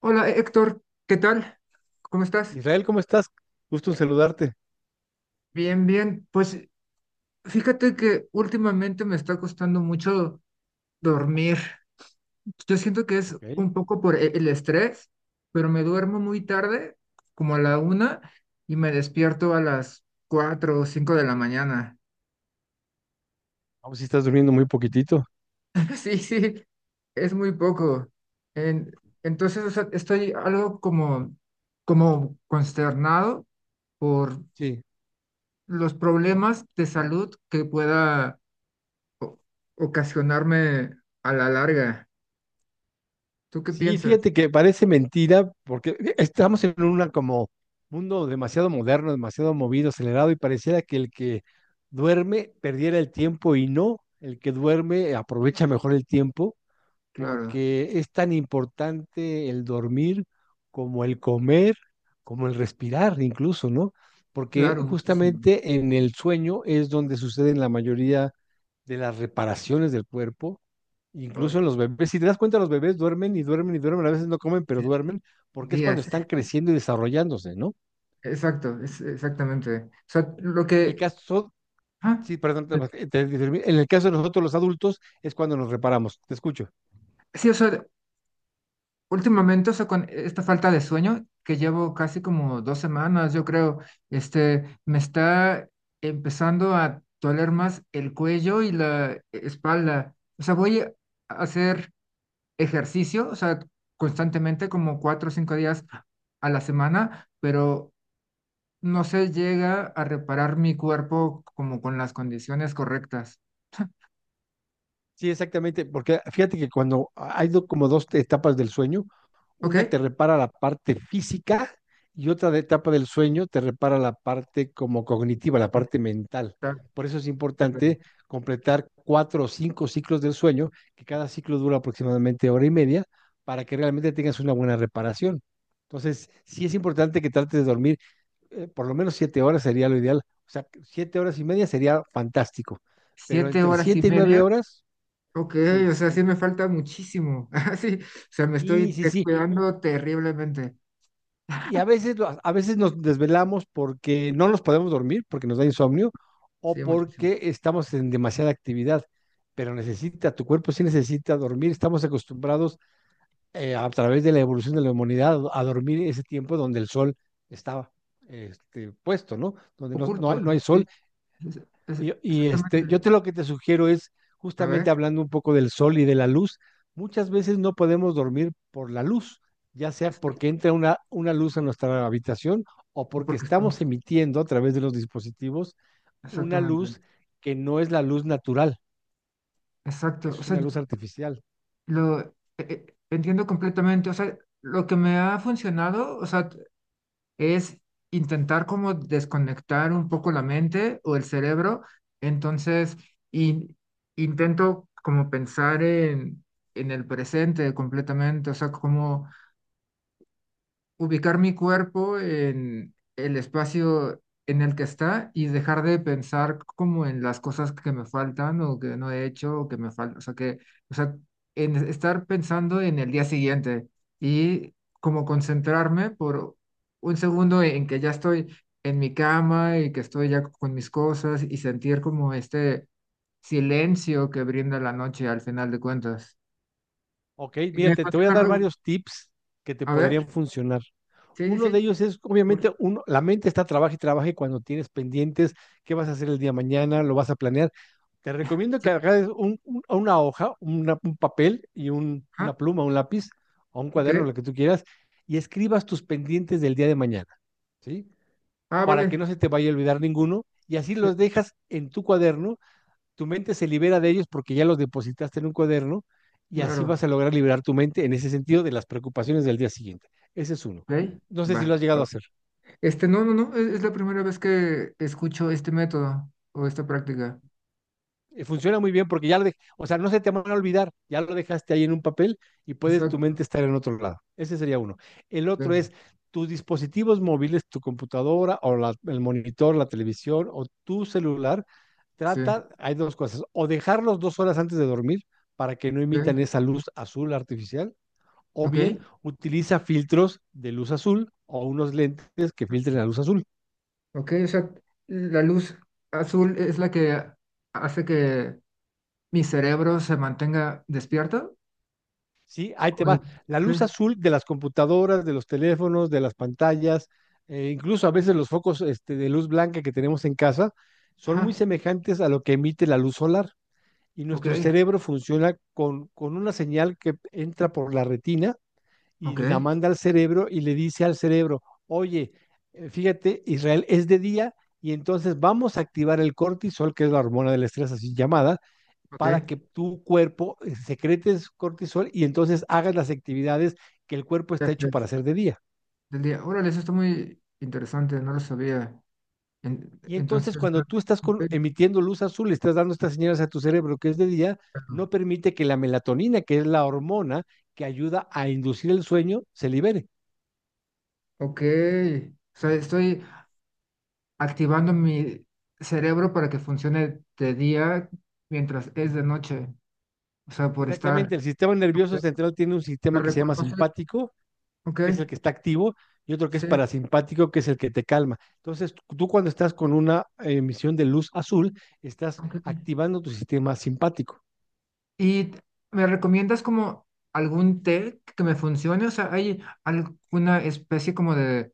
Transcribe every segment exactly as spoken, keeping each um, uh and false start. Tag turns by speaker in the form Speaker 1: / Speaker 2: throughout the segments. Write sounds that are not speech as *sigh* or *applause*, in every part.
Speaker 1: Hola Héctor, ¿qué tal? ¿Cómo estás?
Speaker 2: Israel, ¿cómo estás? Gusto en saludarte.
Speaker 1: Bien, bien. Pues fíjate que últimamente me está costando mucho dormir. Yo siento que es
Speaker 2: Ok.
Speaker 1: un poco por e- el estrés, pero me duermo muy tarde, como a la una, y me despierto a las cuatro o cinco de la mañana.
Speaker 2: Vamos, si estás durmiendo muy poquitito.
Speaker 1: *laughs* Sí, sí, es muy poco. En- entonces, o sea, estoy algo como, como consternado por
Speaker 2: Sí.
Speaker 1: los problemas de salud que pueda o- ocasionarme a la larga. ¿Tú qué
Speaker 2: Sí,
Speaker 1: piensas?
Speaker 2: fíjate que parece mentira porque estamos en un como mundo demasiado moderno, demasiado movido, acelerado y pareciera que el que duerme perdiera el tiempo y no, el que duerme aprovecha mejor el tiempo
Speaker 1: Claro,
Speaker 2: porque es tan importante el dormir como el comer, como el respirar incluso, ¿no? Porque
Speaker 1: claro, muchísimo.
Speaker 2: justamente en el sueño es donde suceden la mayoría de las reparaciones del cuerpo, incluso
Speaker 1: Ay,
Speaker 2: en los bebés. Si te das cuenta, los bebés duermen y duermen y duermen, a veces no comen, pero
Speaker 1: sí,
Speaker 2: duermen, porque es cuando
Speaker 1: días.
Speaker 2: están creciendo y desarrollándose, ¿no?
Speaker 1: Exacto, es, exactamente. O sea, lo
Speaker 2: Y en el
Speaker 1: que
Speaker 2: caso,
Speaker 1: ah,
Speaker 2: sí, perdón, te- te- te- en el caso de nosotros los adultos es cuando nos reparamos, te escucho.
Speaker 1: sí, o sea, últimamente, o sea, con esta falta de sueño que llevo casi como dos semanas, yo creo, este, me está empezando a doler más el cuello y la espalda. O sea, voy a hacer ejercicio, o sea, constantemente como cuatro o cinco días a la semana, pero no se llega a reparar mi cuerpo como con las condiciones correctas.
Speaker 2: Sí, exactamente, porque fíjate que cuando hay do- como dos etapas del sueño.
Speaker 1: ¿Ok?
Speaker 2: Una te repara la parte física y otra de etapa del sueño te repara la parte como cognitiva, la parte mental.
Speaker 1: Está
Speaker 2: Por eso es importante
Speaker 1: bien.
Speaker 2: completar cuatro o cinco ciclos del sueño, que cada ciclo dura aproximadamente hora y media, para que realmente tengas una buena reparación. Entonces, sí es importante que trates de dormir eh, por lo menos siete horas sería lo ideal. O sea, siete horas y media sería fantástico. Pero
Speaker 1: Siete
Speaker 2: entre
Speaker 1: horas y
Speaker 2: siete y nueve
Speaker 1: media.
Speaker 2: horas,
Speaker 1: Ok,
Speaker 2: sí.
Speaker 1: o sea, sí me falta muchísimo. *laughs* Ah, sí, o sea, me
Speaker 2: Sí,
Speaker 1: estoy
Speaker 2: sí, sí.
Speaker 1: descuidando terriblemente.
Speaker 2: Y a veces, lo- a veces nos desvelamos porque no nos podemos dormir, porque nos da insomnio, o
Speaker 1: Sí, muchísimo.
Speaker 2: porque estamos en demasiada actividad. Pero necesita, tu cuerpo sí necesita dormir. Estamos acostumbrados eh, a través de la evolución de la humanidad a dormir ese tiempo donde el sol estaba este, puesto, ¿no? Donde no, no
Speaker 1: Oculto,
Speaker 2: hay, no hay
Speaker 1: sí,
Speaker 2: sol
Speaker 1: es- es-
Speaker 2: y, y, este, yo
Speaker 1: exactamente.
Speaker 2: te lo que te sugiero es,
Speaker 1: A
Speaker 2: justamente
Speaker 1: ver,
Speaker 2: hablando un poco del sol y de la luz, muchas veces no podemos dormir por la luz, ya sea
Speaker 1: exacto,
Speaker 2: porque entra una, una luz a nuestra habitación o porque
Speaker 1: porque
Speaker 2: estamos
Speaker 1: estamos,
Speaker 2: emitiendo a través de los dispositivos una
Speaker 1: exactamente.
Speaker 2: luz que no es la luz natural, que
Speaker 1: Exacto. O
Speaker 2: es
Speaker 1: sea,
Speaker 2: una luz artificial.
Speaker 1: lo eh, eh, entiendo completamente. O sea, lo que me ha funcionado, o sea, es intentar como desconectar un poco la mente o el cerebro. Entonces, in- intento como pensar en, en el presente completamente. O sea, como ubicar mi cuerpo en el espacio en el que está y dejar de pensar como en las cosas que me faltan o que no he hecho o que me faltan, o sea que, o sea, en estar pensando en el día siguiente y como concentrarme por un segundo en que ya estoy en mi cama y que estoy ya con mis cosas y sentir como este silencio que brinda la noche al final de cuentas.
Speaker 2: Ok,
Speaker 1: Y me
Speaker 2: mírate, te voy a
Speaker 1: funciona
Speaker 2: dar
Speaker 1: luego.
Speaker 2: varios tips que te
Speaker 1: A
Speaker 2: podrían
Speaker 1: ver,
Speaker 2: funcionar.
Speaker 1: sí, sí,
Speaker 2: Uno de
Speaker 1: sí.
Speaker 2: ellos es,
Speaker 1: Por-
Speaker 2: obviamente, uno, la mente está trabaja y trabaja y cuando tienes pendientes, qué vas a hacer el día de mañana, lo vas a planear. Te recomiendo que hagas un- un- una hoja, una- un papel y un-
Speaker 1: ajá,
Speaker 2: una pluma, un lápiz o un
Speaker 1: ok.
Speaker 2: cuaderno, lo que tú quieras, y escribas tus pendientes del día de mañana, ¿sí?
Speaker 1: Ah,
Speaker 2: Para que
Speaker 1: vale.
Speaker 2: no se te vaya a olvidar ninguno y así
Speaker 1: Sí,
Speaker 2: los dejas en tu cuaderno, tu mente se libera de ellos porque ya los depositaste en un cuaderno y así
Speaker 1: claro.
Speaker 2: vas a lograr liberar tu mente en ese sentido de las preocupaciones del día siguiente. Ese es uno.
Speaker 1: Ok,
Speaker 2: No sé si lo
Speaker 1: Va.
Speaker 2: has llegado a
Speaker 1: va.
Speaker 2: hacer.
Speaker 1: Este, no, no, no. Es, es la primera vez que escucho este método o esta práctica.
Speaker 2: Eh, funciona muy bien porque ya lo de, o sea, no se te van a olvidar, ya lo dejaste ahí en un papel y puede tu
Speaker 1: Exacto.
Speaker 2: mente estar en otro lado. Ese sería uno. El otro
Speaker 1: Venga,
Speaker 2: es tus dispositivos móviles, tu computadora o la, el monitor, la televisión o tu celular.
Speaker 1: sí.
Speaker 2: Trata, hay dos cosas, o dejarlos dos horas antes de dormir para que no emitan
Speaker 1: Ok.
Speaker 2: esa luz azul artificial, o
Speaker 1: Ok.
Speaker 2: bien utiliza filtros de luz azul o unos lentes que filtren la luz azul.
Speaker 1: Ok, o sea, la luz azul es la que hace que mi cerebro se mantenga despierto.
Speaker 2: Sí, ahí
Speaker 1: Ok.
Speaker 2: te va. La
Speaker 1: Ok,
Speaker 2: luz azul de las computadoras, de los teléfonos, de las pantallas, eh, incluso a veces los focos este, de luz blanca que tenemos en casa, son muy
Speaker 1: ajá.
Speaker 2: semejantes a lo que emite la luz solar. Y
Speaker 1: Ok.
Speaker 2: nuestro cerebro funciona con, con una señal que entra por la retina y
Speaker 1: Ok.
Speaker 2: la manda al cerebro y le dice al cerebro, oye, eh, fíjate, Israel es de día y entonces vamos a activar el cortisol, que es la hormona del estrés así llamada,
Speaker 1: Ok.
Speaker 2: para que tu cuerpo eh, secretes cortisol y entonces hagas las actividades que el cuerpo
Speaker 1: Ya
Speaker 2: está hecho
Speaker 1: sé,
Speaker 2: para hacer de día.
Speaker 1: del día. Órale, eso está muy interesante. No lo sabía. En-
Speaker 2: Y entonces
Speaker 1: entonces,
Speaker 2: cuando tú estás
Speaker 1: ok,
Speaker 2: con, emitiendo luz azul, estás dando estas señales a tu cerebro que es de día,
Speaker 1: claro.
Speaker 2: no permite que la melatonina, que es la hormona que ayuda a inducir el sueño, se libere.
Speaker 1: Ok, o sea, estoy activando mi cerebro para que funcione de día mientras es de noche, o sea, por estar,
Speaker 2: Exactamente, el sistema nervioso
Speaker 1: ok,
Speaker 2: central tiene un
Speaker 1: lo
Speaker 2: sistema que se llama
Speaker 1: reconoce,
Speaker 2: simpático,
Speaker 1: ok,
Speaker 2: que es el que está activo, y otro que es
Speaker 1: sí,
Speaker 2: parasimpático, que es el que te calma. Entonces, tú cuando estás con una emisión de luz azul, estás
Speaker 1: ok.
Speaker 2: activando tu sistema simpático.
Speaker 1: ¿Y t- me recomiendas como algún té que me funcione? O sea, ¿hay alguna especie como de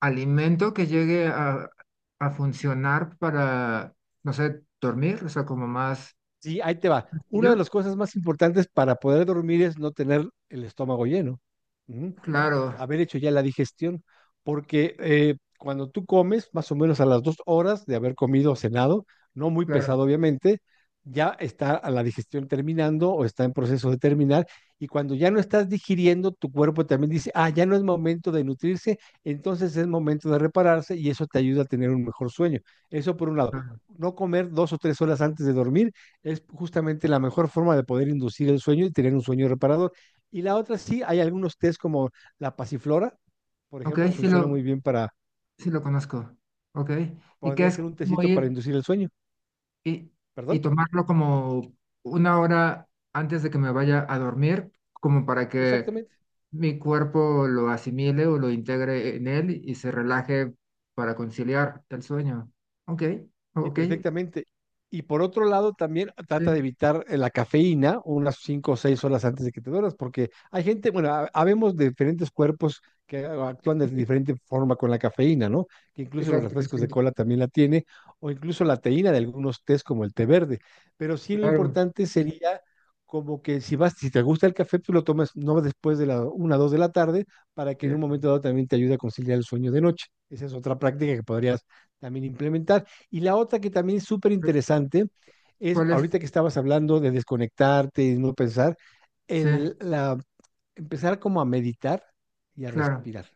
Speaker 1: alimento que llegue a, a funcionar para, no sé, dormir? O sea, como más
Speaker 2: Sí, ahí te va.
Speaker 1: ¿Y
Speaker 2: Una de
Speaker 1: ¿Yo?
Speaker 2: las cosas más importantes para poder dormir es no tener el estómago lleno. Ujú.
Speaker 1: Claro,
Speaker 2: Haber hecho ya la digestión. Porque eh, cuando tú comes, más o menos a las dos horas de haber comido o cenado, no muy
Speaker 1: claro,
Speaker 2: pesado obviamente, ya está a la digestión terminando o está en proceso de terminar. Y cuando ya no estás digiriendo, tu cuerpo también dice, ah, ya no es momento de nutrirse, entonces es momento de repararse y eso te ayuda a tener un mejor sueño. Eso por un lado.
Speaker 1: claro.
Speaker 2: No comer dos o tres horas antes de dormir es justamente la mejor forma de poder inducir el sueño y tener un sueño reparador. Y la otra sí, hay algunos test como la pasiflora, por
Speaker 1: Ok,
Speaker 2: ejemplo,
Speaker 1: sí
Speaker 2: funciona muy
Speaker 1: lo,
Speaker 2: bien para,
Speaker 1: sí, lo conozco. Ok. Y ¿qué
Speaker 2: podría
Speaker 1: es
Speaker 2: ser un
Speaker 1: como
Speaker 2: tecito para
Speaker 1: ir
Speaker 2: inducir el sueño,
Speaker 1: y, y
Speaker 2: perdón,
Speaker 1: tomarlo como una hora antes de que me vaya a dormir, como para que
Speaker 2: exactamente.
Speaker 1: mi cuerpo lo asimile o lo integre en él y se relaje para conciliar el sueño. Ok,
Speaker 2: Sí,
Speaker 1: ok,
Speaker 2: perfectamente. Y por otro lado, también trata de
Speaker 1: sí,
Speaker 2: evitar eh, la cafeína unas cinco o seis horas antes de que te duermas, porque hay gente, bueno, ha- habemos de diferentes cuerpos que actúan de diferente forma con la cafeína, ¿no? Que incluso los
Speaker 1: exacto,
Speaker 2: refrescos de
Speaker 1: exacto,
Speaker 2: cola también la tiene, o incluso la teína de algunos tés como el té verde. Pero sí lo
Speaker 1: claro.
Speaker 2: importante sería como que si vas, si te gusta el café, tú lo tomas no después de la una o dos de la tarde, para que en
Speaker 1: Sí.
Speaker 2: un momento dado también te ayude a conciliar el sueño de noche. Esa es otra práctica que podrías también implementar. Y la otra que también es súper interesante es,
Speaker 1: ¿Cuál es?
Speaker 2: ahorita que estabas hablando de desconectarte y no pensar,
Speaker 1: Sí,
Speaker 2: el, la, empezar como a meditar y a
Speaker 1: claro.
Speaker 2: respirar.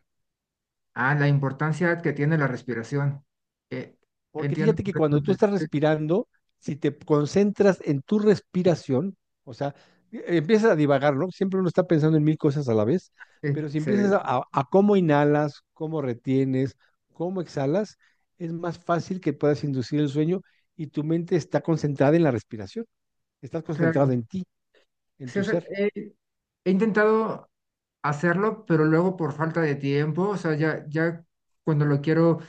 Speaker 1: Ah, la importancia que tiene la respiración. Eh,
Speaker 2: Porque
Speaker 1: entiendo
Speaker 2: fíjate que cuando tú
Speaker 1: completamente.
Speaker 2: estás
Speaker 1: Sí,
Speaker 2: respirando, si te concentras en tu respiración, o sea, e- empiezas a divagar, ¿no? Siempre uno está pensando en mil cosas a la vez,
Speaker 1: sí,
Speaker 2: pero si empiezas
Speaker 1: se-
Speaker 2: a, a a cómo inhalas, cómo retienes, cómo exhalas, es más fácil que puedas inducir el sueño y tu mente está concentrada en la respiración. Estás
Speaker 1: claro.
Speaker 2: concentrado en ti, en
Speaker 1: Sí,
Speaker 2: tu
Speaker 1: o sea,
Speaker 2: ser.
Speaker 1: he, he intentado hacerlo, pero luego por falta de tiempo, o sea, ya, ya cuando lo quiero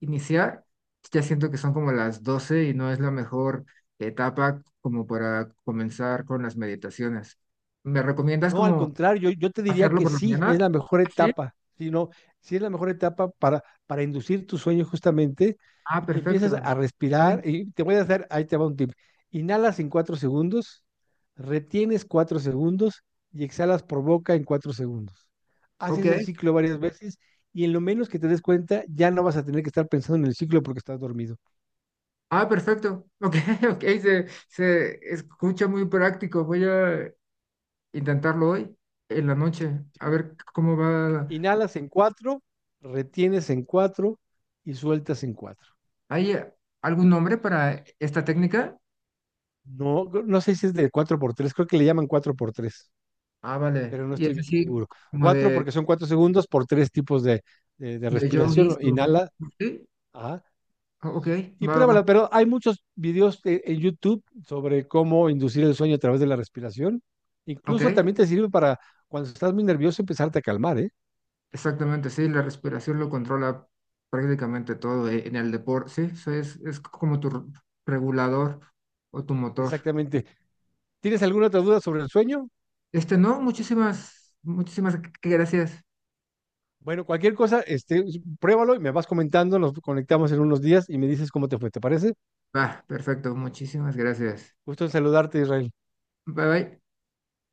Speaker 1: iniciar, ya siento que son como las doce y no es la mejor etapa como para comenzar con las meditaciones. ¿Me recomiendas
Speaker 2: No, al
Speaker 1: como
Speaker 2: contrario, yo, yo te diría
Speaker 1: hacerlo
Speaker 2: que
Speaker 1: por la
Speaker 2: sí, es
Speaker 1: mañana?
Speaker 2: la mejor
Speaker 1: Ah, sí.
Speaker 2: etapa, sino sí es la mejor etapa para, para inducir tu sueño justamente
Speaker 1: Ah,
Speaker 2: y empiezas
Speaker 1: perfecto.
Speaker 2: a respirar.
Speaker 1: Ok.
Speaker 2: Y te voy a hacer, ahí te va un tip. Inhalas en cuatro segundos, retienes cuatro segundos y exhalas por boca en cuatro segundos.
Speaker 1: Ok.
Speaker 2: Haces el ciclo varias veces y en lo menos que te des cuenta ya no vas a tener que estar pensando en el ciclo porque estás dormido.
Speaker 1: Ah, perfecto. Ok, *laughs* ok. Se, se escucha muy práctico. Voy a intentarlo hoy en la noche, a
Speaker 2: ¿Sí?
Speaker 1: ver cómo va.
Speaker 2: Inhalas en cuatro, retienes en cuatro y sueltas en cuatro.
Speaker 1: ¿Hay eh, algún nombre para esta técnica?
Speaker 2: No, no sé si es de cuatro por tres, creo que le llaman cuatro por tres,
Speaker 1: Ah, vale.
Speaker 2: pero no
Speaker 1: Y
Speaker 2: estoy
Speaker 1: es
Speaker 2: bien
Speaker 1: así
Speaker 2: seguro.
Speaker 1: como
Speaker 2: Cuatro
Speaker 1: de,
Speaker 2: porque son cuatro segundos por tres tipos de, de- de
Speaker 1: de yogis.
Speaker 2: respiración.
Speaker 1: o-
Speaker 2: Inhala,
Speaker 1: Sí,
Speaker 2: ajá,
Speaker 1: o- ok,
Speaker 2: y
Speaker 1: va, va.
Speaker 2: pruébala, pero hay muchos videos e- en YouTube sobre cómo inducir el sueño a través de la respiración.
Speaker 1: Ok,
Speaker 2: Incluso también te sirve para cuando estás muy nervioso empezarte a calmar, ¿eh?
Speaker 1: exactamente, sí, la respiración lo controla prácticamente todo eh, en el deporte, sí, eso es, es como tu r- regulador o tu motor.
Speaker 2: Exactamente. ¿Tienes alguna otra duda sobre el sueño?
Speaker 1: Este, no, muchísimas, muchísimas gracias.
Speaker 2: Bueno, cualquier cosa, este, pruébalo y me vas comentando, nos conectamos en unos días y me dices cómo te fue, ¿te parece?
Speaker 1: Va, perfecto, muchísimas gracias.
Speaker 2: Gusto en saludarte, Israel.
Speaker 1: Bye bye.